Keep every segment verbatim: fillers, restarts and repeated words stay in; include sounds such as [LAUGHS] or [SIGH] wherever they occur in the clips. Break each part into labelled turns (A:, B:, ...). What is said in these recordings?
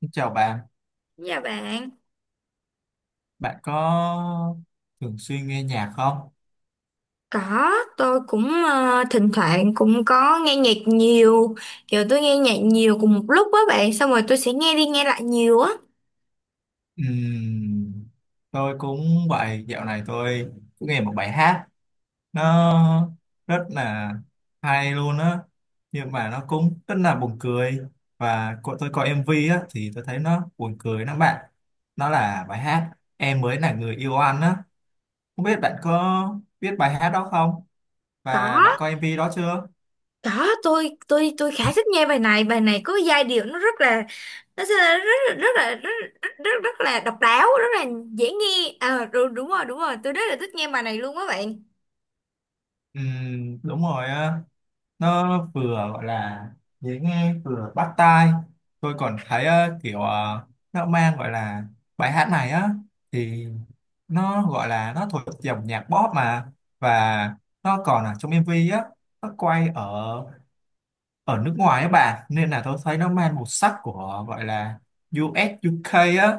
A: Xin chào bạn,
B: Dạ bạn,
A: bạn có thường xuyên nghe nhạc không?
B: có, tôi cũng ờ, thỉnh thoảng cũng có nghe nhạc nhiều, kiểu tôi nghe nhạc nhiều cùng một lúc á bạn, xong rồi tôi sẽ nghe đi nghe lại nhiều á.
A: Ừm, tôi cũng vậy, dạo này tôi cũng nghe một bài hát nó rất là hay luôn á, nhưng mà nó cũng rất là buồn cười. Và cô- tôi coi em vê á thì tôi thấy nó buồn cười lắm bạn, nó là bài hát Em mới là người yêu anh á. Không biết bạn có biết bài hát đó không,
B: Có,
A: và bạn coi em vê đó chưa?
B: có, tôi tôi tôi khá thích nghe bài này, bài này có giai điệu nó rất là nó sẽ là rất là rất là rất rất, rất, rất là độc đáo, rất là dễ nghe. Ờ Đúng, đúng rồi, đúng rồi, tôi rất là thích nghe bài này luôn á bạn.
A: Ừm, đúng rồi, nó vừa gọi là dễ nghe vừa bắt tai. Tôi còn thấy ờ, kiểu, ờ, nó mang gọi là bài hát này á thì nó gọi là nó thuộc dòng nhạc pop mà. Và nó còn ở trong em vê á, nó quay ở ở nước ngoài á bà, nên là tôi thấy nó mang màu sắc của gọi là u ét u ca á,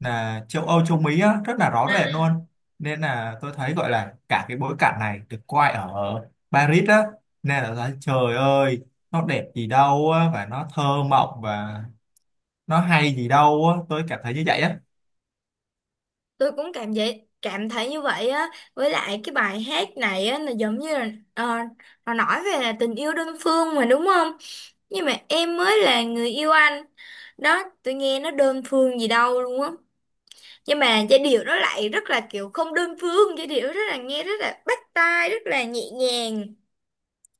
A: là châu Âu châu Mỹ á, rất là rõ rệt luôn. Nên là tôi thấy gọi là cả cái bối cảnh này được quay ở Paris á, nên là thấy, trời ơi, nó đẹp gì đâu á, và nó thơ mộng, và nó hay gì đâu á, tôi cảm thấy như vậy á.
B: Tôi cũng cảm vậy cảm thấy như vậy á, với lại cái bài hát này á là giống như là, ờ, nó nói về tình yêu đơn phương mà đúng không? Nhưng mà em mới là người yêu anh, đó tôi nghe nó đơn phương gì đâu luôn á. Nhưng mà giai điệu nó lại rất là kiểu không đơn phương, giai điệu rất là, nghe rất là bắt tai, rất là nhẹ nhàng,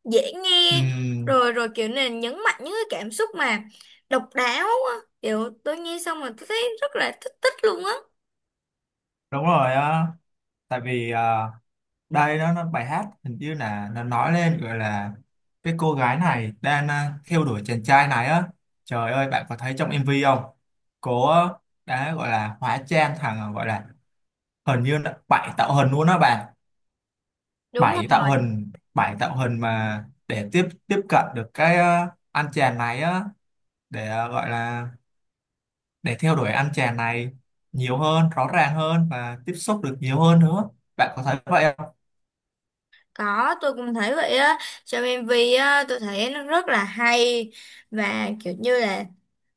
B: dễ nghe.
A: Ừm,
B: Rồi rồi kiểu này nhấn mạnh những cái cảm xúc mà độc đáo á, kiểu tôi nghe xong mà tôi thấy rất là thích thích luôn á.
A: Đúng rồi á, tại vì à, đây đó nó bài hát hình như là nó nói lên gọi là cái cô gái này đang à, theo đuổi chàng trai này á. Trời ơi bạn có thấy trong em vê không? Cô á, đã gọi là hóa trang thằng gọi là, hình như là bảy tạo hình luôn á bạn.
B: Đúng
A: Bảy tạo
B: rồi.
A: hình, bảy tạo hình mà để tiếp tiếp cận được cái ờ, anh chàng này á, để ờ, gọi là để theo đuổi anh chàng này nhiều hơn, rõ ràng hơn, và tiếp xúc được nhiều hơn nữa. Bạn có thấy vậy không?
B: Có, tôi cũng thấy vậy á. Trong em vê á, tôi thấy nó rất là hay, và kiểu như là,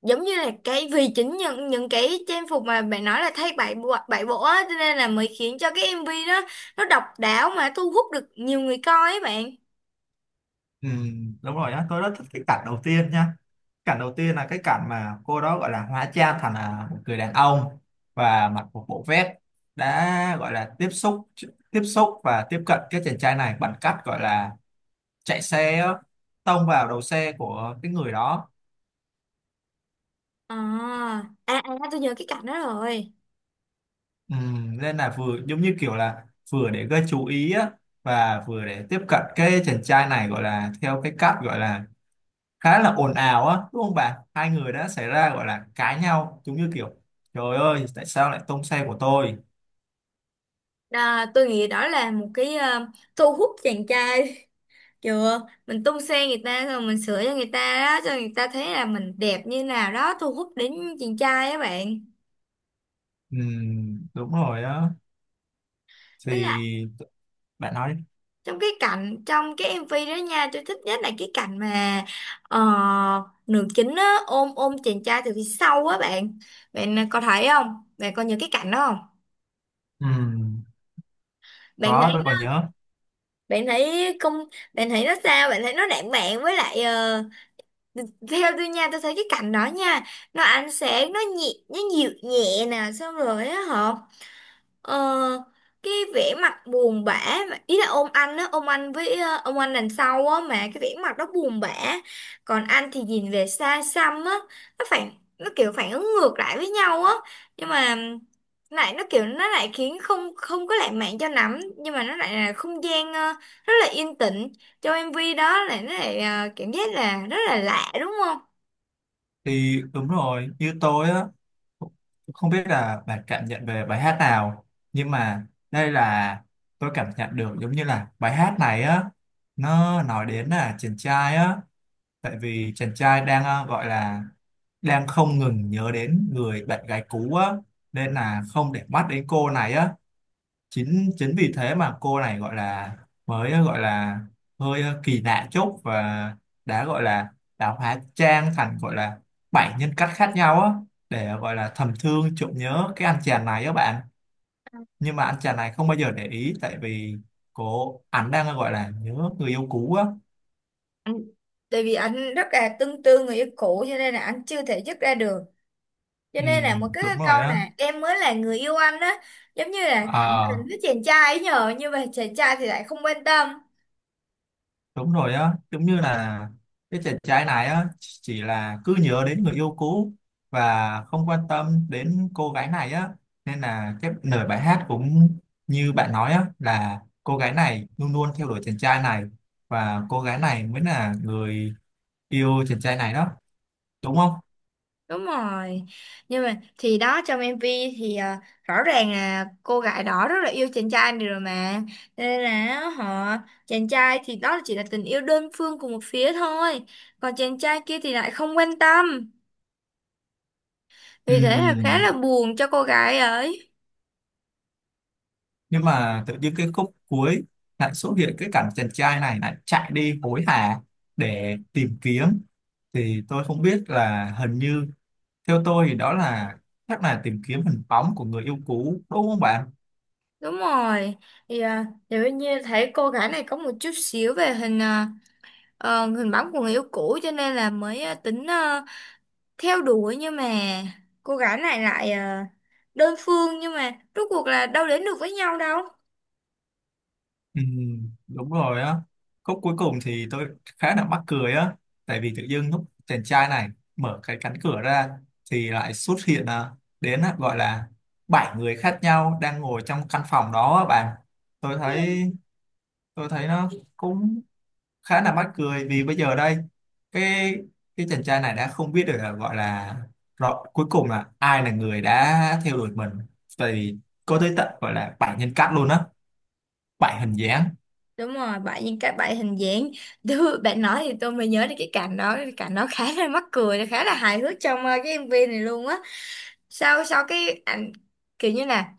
B: giống như là, cái vì chính những những cái trang phục mà bạn nói là thay bảy bộ bảy bộ á, cho nên là mới khiến cho cái em vê đó nó độc đáo mà thu hút được nhiều người coi ấy bạn.
A: Ừ, đúng rồi nhá, tôi rất thích cái cảnh đầu tiên nha. Cảnh đầu tiên là cái cảnh mà cô đó gọi là hóa trang thành là một người đàn ông và mặc một bộ vest, đã gọi là tiếp xúc tiếp xúc và tiếp cận cái chàng trai này bằng cách gọi là chạy xe á, tông vào đầu xe của cái người đó.
B: À, à, à tôi nhớ cái cảnh đó rồi.
A: Ừm, nên là vừa giống như kiểu là vừa để gây chú ý á, và vừa để tiếp cận cái chàng trai này gọi là theo cái cách gọi là khá là ồn ào á, đúng không bà? Hai người đã xảy ra gọi là cãi nhau, giống như kiểu trời ơi tại sao lại tông xe của tôi.
B: Đó, tôi nghĩ đó là một cái ờ, thu hút chàng trai [LAUGHS] kiểu mình tung xe người ta rồi mình sửa cho người ta, đó cho người ta thấy là mình đẹp như nào đó, thu hút đến chàng trai á bạn.
A: Ừm, đúng rồi á,
B: Với lại
A: thì bạn nói đi.
B: trong cái cảnh, trong cái em vê đó nha, tôi thích nhất là cái cảnh mà ờ, nữ chính á, ôm ôm chàng trai từ phía sau á bạn. Bạn à, có thấy không? Bạn có nhớ cái cảnh đó không?
A: Ừm,
B: Bạn thấy,
A: có, tôi còn nhớ.
B: bạn thấy không? Bạn thấy nó sao? Bạn thấy nó lãng mạn, với lại ờ, theo tôi nha, tôi thấy cái cảnh đó nha, nó ánh sáng nó nhẹ, nó dịu nhẹ nè, xong rồi á hả? Ờ, cái vẻ mặt buồn bã mà- ý là ôm anh á, ôm anh với ờ, ông anh đằng sau á, mà cái vẻ mặt đó buồn bã, còn anh thì nhìn về xa xăm á. Nó phản, nó kiểu phản ứng ngược lại với nhau á. Nhưng mà lại nó kiểu, nó lại khiến không không có lãng mạn cho lắm, nhưng mà nó lại là không gian ờ, rất là yên tĩnh, trong em vê đó là nó lại, ờ, cảm giác là rất là lạ đúng không?
A: Thì đúng rồi, như tôi á, không biết là bạn cảm nhận về bài hát nào, nhưng mà đây là tôi cảm nhận được giống như là bài hát này á, nó nói đến là chàng trai á, tại vì chàng trai đang ờ, gọi là đang không ngừng nhớ đến người bạn gái cũ á, nên là không để mắt đến cô này á, chính chính vì thế mà cô này gọi là mới gọi là hơi ờ, kỳ lạ chút, và đã gọi là đã hóa trang thành gọi là bảy nhân cách khác nhau á, để gọi là thầm thương trộm nhớ cái anh chàng này á bạn. Nhưng mà anh chàng này không bao giờ để ý, tại vì cô ảnh đang gọi là nhớ người yêu cũ á.
B: Anh- tại vì anh rất là tương tư người yêu cũ cho nên là anh chưa thể dứt ra được, cho
A: Ừ,
B: nên là một cái
A: đúng rồi
B: câu
A: á.
B: nè em mới là người yêu anh á, giống như là cảm
A: Ờ
B: tình với chàng trai ấy nhờ, nhưng mà chàng trai thì lại không quan tâm.
A: Đúng rồi á, giống như là cái chàng trai này á chỉ là cứ nhớ đến người yêu cũ và không quan tâm đến cô gái này á, nên là cái lời bài hát cũng như bạn nói á, là cô gái này luôn luôn theo đuổi chàng trai này, và cô gái này mới là người yêu chàng trai này đó, đúng không?
B: Đúng rồi, nhưng mà thì đó trong em vê thì à, rõ ràng là cô gái đó rất là yêu chàng trai này rồi mà. Cho nên là họ, chàng trai thì đó chỉ là tình yêu đơn phương của một phía thôi, còn chàng trai kia thì lại không quan tâm, vì thế là khá
A: Ừm,
B: là buồn cho cô gái ấy.
A: nhưng mà tự nhiên cái khúc cuối lại xuất hiện cái cảnh chàng trai này lại chạy đi hối hả để tìm kiếm, thì tôi không biết là hình như, theo tôi thì đó là chắc là tìm kiếm hình bóng của người yêu cũ, đúng không bạn?
B: Đúng rồi thì à, nếu như thấy cô gái này có một chút xíu về hình à, ờ, hình bóng của người yêu cũ, cho nên là mới ờ, tính ờ, theo đuổi, nhưng mà cô gái này lại ờ, đơn phương, nhưng mà rốt cuộc là đâu đến được với nhau đâu.
A: Ừ, đúng rồi á. Khúc cuối cùng thì tôi khá là mắc cười á, tại vì tự dưng lúc chàng trai này mở cái cánh cửa ra thì lại xuất hiện à, đến à, gọi là bảy người khác nhau đang ngồi trong căn phòng đó á bạn. Tôi thấy
B: Ừ,
A: tôi thấy nó cũng khá là mắc cười, vì bây giờ đây cái cái chàng trai này đã không biết được là gọi là rõ, cuối cùng là ai là người đã theo đuổi mình, tại vì có tới tận gọi là bảy nhân cách luôn á, bảy hình dáng.
B: đúng rồi bạn, những cái bạn hình dáng [LAUGHS] Đứa- bạn nói thì tôi mới nhớ đến cái cảnh đó, cái cảnh đó khá là mắc cười, khá là hài hước trong ờ, cái em vê này luôn á. Sau sau cái ảnh, kiểu như là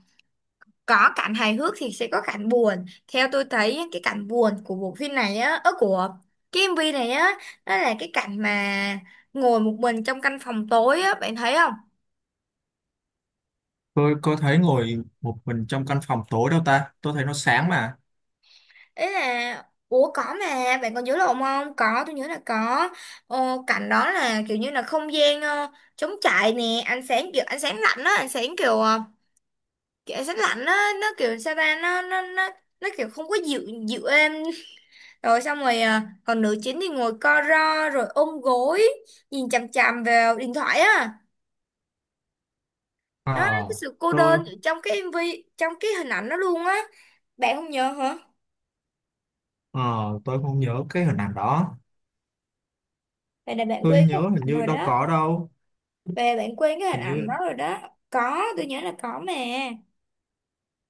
B: có cảnh hài hước thì sẽ có cảnh buồn. Theo tôi thấy á, cái cảnh buồn của bộ phim này á, ở của cái em vê này á, đó là cái cảnh mà ngồi một mình trong căn phòng tối á, bạn thấy không?
A: Tôi có thấy ngồi một mình trong căn phòng tối đâu ta, tôi thấy nó sáng mà.
B: Ấy là, ủa có mà, bạn còn nhớ lộn không? Có, tôi nhớ là có. Ờ, cảnh đó là kiểu như là không gian ờ, trống trải nè, ánh sáng kiểu ánh sáng lạnh á, ánh sáng kiểu ờ, kiểu ánh sáng lạnh á, nó kiểu sao ta, nó nó nó nó kiểu không có dịu, dịu êm. Rồi xong rồi à, còn nữ chính thì ngồi co ro rồi ôm gối, nhìn chằm chằm vào điện thoại á. Đó,
A: ờ
B: cái sự cô
A: tôi
B: đơn ở trong cái em vê, trong cái hình ảnh đó luôn á. Bạn không nhớ hả?
A: ờ tôi không nhớ cái hình ảnh đó.
B: Vậy là bạn
A: Tôi
B: quên cái
A: nhớ
B: hình
A: hình
B: ảnh
A: như
B: rồi
A: đâu
B: đó.
A: có đâu,
B: Về bạn quên cái hình
A: hình
B: ảnh
A: như.
B: đó rồi đó. Có, tôi nhớ là có mà.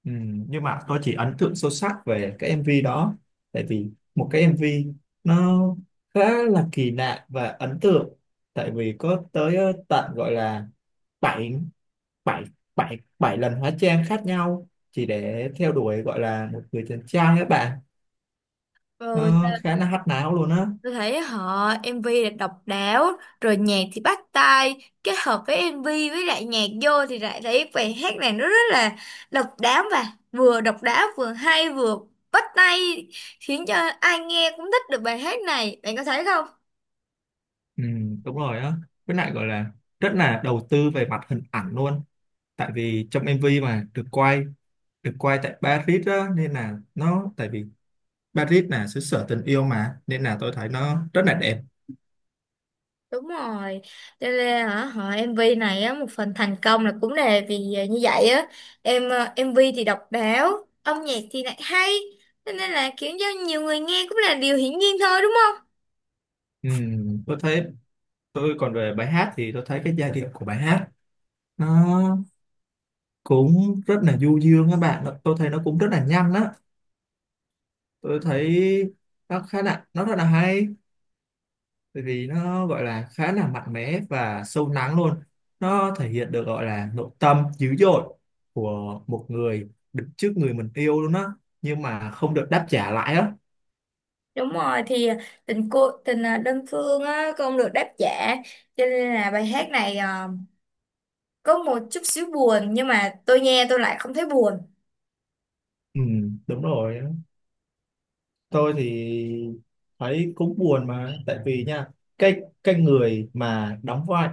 A: Ừ, nhưng mà tôi chỉ ấn tượng sâu sắc về cái em vê đó, tại vì một cái em vê nó khá là kỳ lạ và ấn tượng, tại vì có tới ờ, tận gọi là bảy bảy bảy bảy lần hóa trang khác nhau chỉ để theo đuổi gọi là một người chàng trai các bạn.
B: Ừ,
A: Nó khá là hắc não luôn á.
B: tôi thấy họ em vê là độc đáo, rồi nhạc thì bắt tai, kết hợp với em vê với lại nhạc vô thì lại thấy bài hát này nó rất là độc đáo, và vừa độc đáo, vừa hay, vừa bắt tai, khiến cho ai nghe cũng thích được bài hát này. Bạn có thấy không?
A: Ừ, đúng rồi á, với lại gọi là rất là đầu tư về mặt hình ảnh luôn, tại vì trong em vê mà được quay được quay tại Paris á, nên là nó tại vì Paris là xứ sở tình yêu mà, nên là tôi thấy nó rất là đẹp.
B: Đúng rồi. Cho nên hả, họ em vê này á, một phần thành công là cũng là vì như vậy á. Em ờ, em vê thì độc đáo, âm nhạc thì lại hay. Cho nên là khiến cho nhiều người nghe cũng là điều hiển nhiên thôi đúng không?
A: Ừm, tôi thấy tôi còn về bài hát thì tôi thấy cái giai điệu của bài hát nó cũng rất là du dương các bạn. Nó- tôi thấy nó cũng rất là nhanh đó. Tôi thấy nó khá là nó rất là hay, bởi vì nó gọi là khá là mạnh mẽ và sâu lắng luôn, nó thể hiện được gọi là nội tâm dữ dội của một người đứng trước người mình yêu luôn á, nhưng mà không được đáp trả lại á.
B: Đúng rồi thì à, tình cô tình à, đơn phương á, không được đáp trả, cho nên là bài hát này à, có một chút xíu buồn, nhưng mà tôi nghe tôi lại không thấy buồn.
A: Ừ, đúng rồi, tôi thì thấy cũng buồn mà, tại vì nha cái cái người mà đóng vai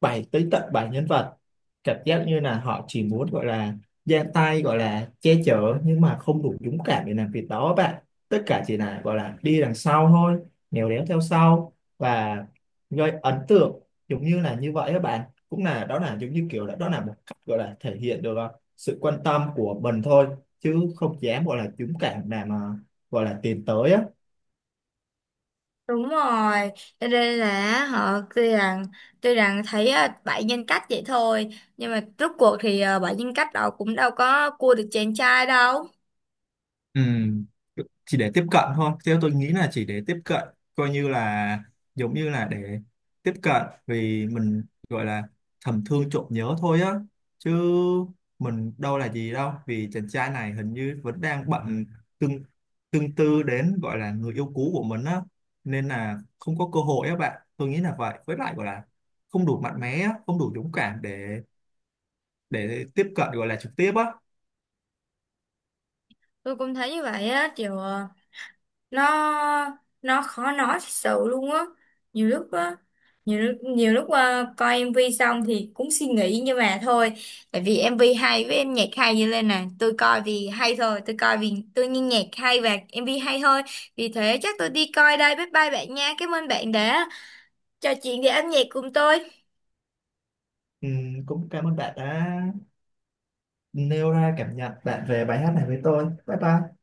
A: bảy, tới tận bảy nhân vật, cảm giác như là họ chỉ muốn gọi là ra tay gọi là che chở nhưng mà không đủ dũng cảm để làm việc đó bạn. Tất cả chỉ là gọi là đi đằng sau thôi, nèo đéo theo sau và gây ấn tượng, giống như là như vậy các bạn. Cũng là đó là giống như kiểu là đó là một cách gọi là thể hiện được ờ, sự quan tâm của mình thôi, chứ không dám gọi là dũng cảm làm gọi là tiến tới á.
B: Đúng rồi, cho nên là họ tuy rằng, tuy rằng thấy à, bảy nhân cách vậy thôi, nhưng mà rốt cuộc thì à, bảy nhân cách đó cũng đâu có cua được chàng trai đâu.
A: Ừ, chỉ để tiếp cận thôi. Theo tôi nghĩ là chỉ để tiếp cận, coi như là giống như là để tiếp cận vì mình gọi là thầm thương trộm nhớ thôi á. Chứ mình đâu là gì đâu, vì chàng trai này hình như vẫn đang bận tương tương tư đến gọi là người yêu cũ của mình á. Nên là không có cơ hội á bạn. Tôi nghĩ là vậy. Với lại gọi là không đủ mạnh mẽ, á, không đủ dũng cảm để để tiếp cận gọi là trực tiếp á.
B: Tôi cũng thấy như vậy á, kiểu ờ, nó nó khó nói thật sự luôn á, nhiều lúc á, nhiều lúc nhiều lúc ờ, coi em vê xong thì cũng suy nghĩ, nhưng mà thôi, tại vì em vê hay với em, nhạc hay như lên nè, tôi coi vì hay thôi, tôi coi vì tôi nghe nhạc hay và em vê hay thôi. Vì thế chắc tôi đi coi đây, bye bye bạn nha, cảm ơn bạn đã trò chuyện về âm nhạc cùng tôi.
A: Ừ, cũng cảm ơn bạn đã nêu ra cảm nhận bạn về bài hát này với tôi. Bye bye.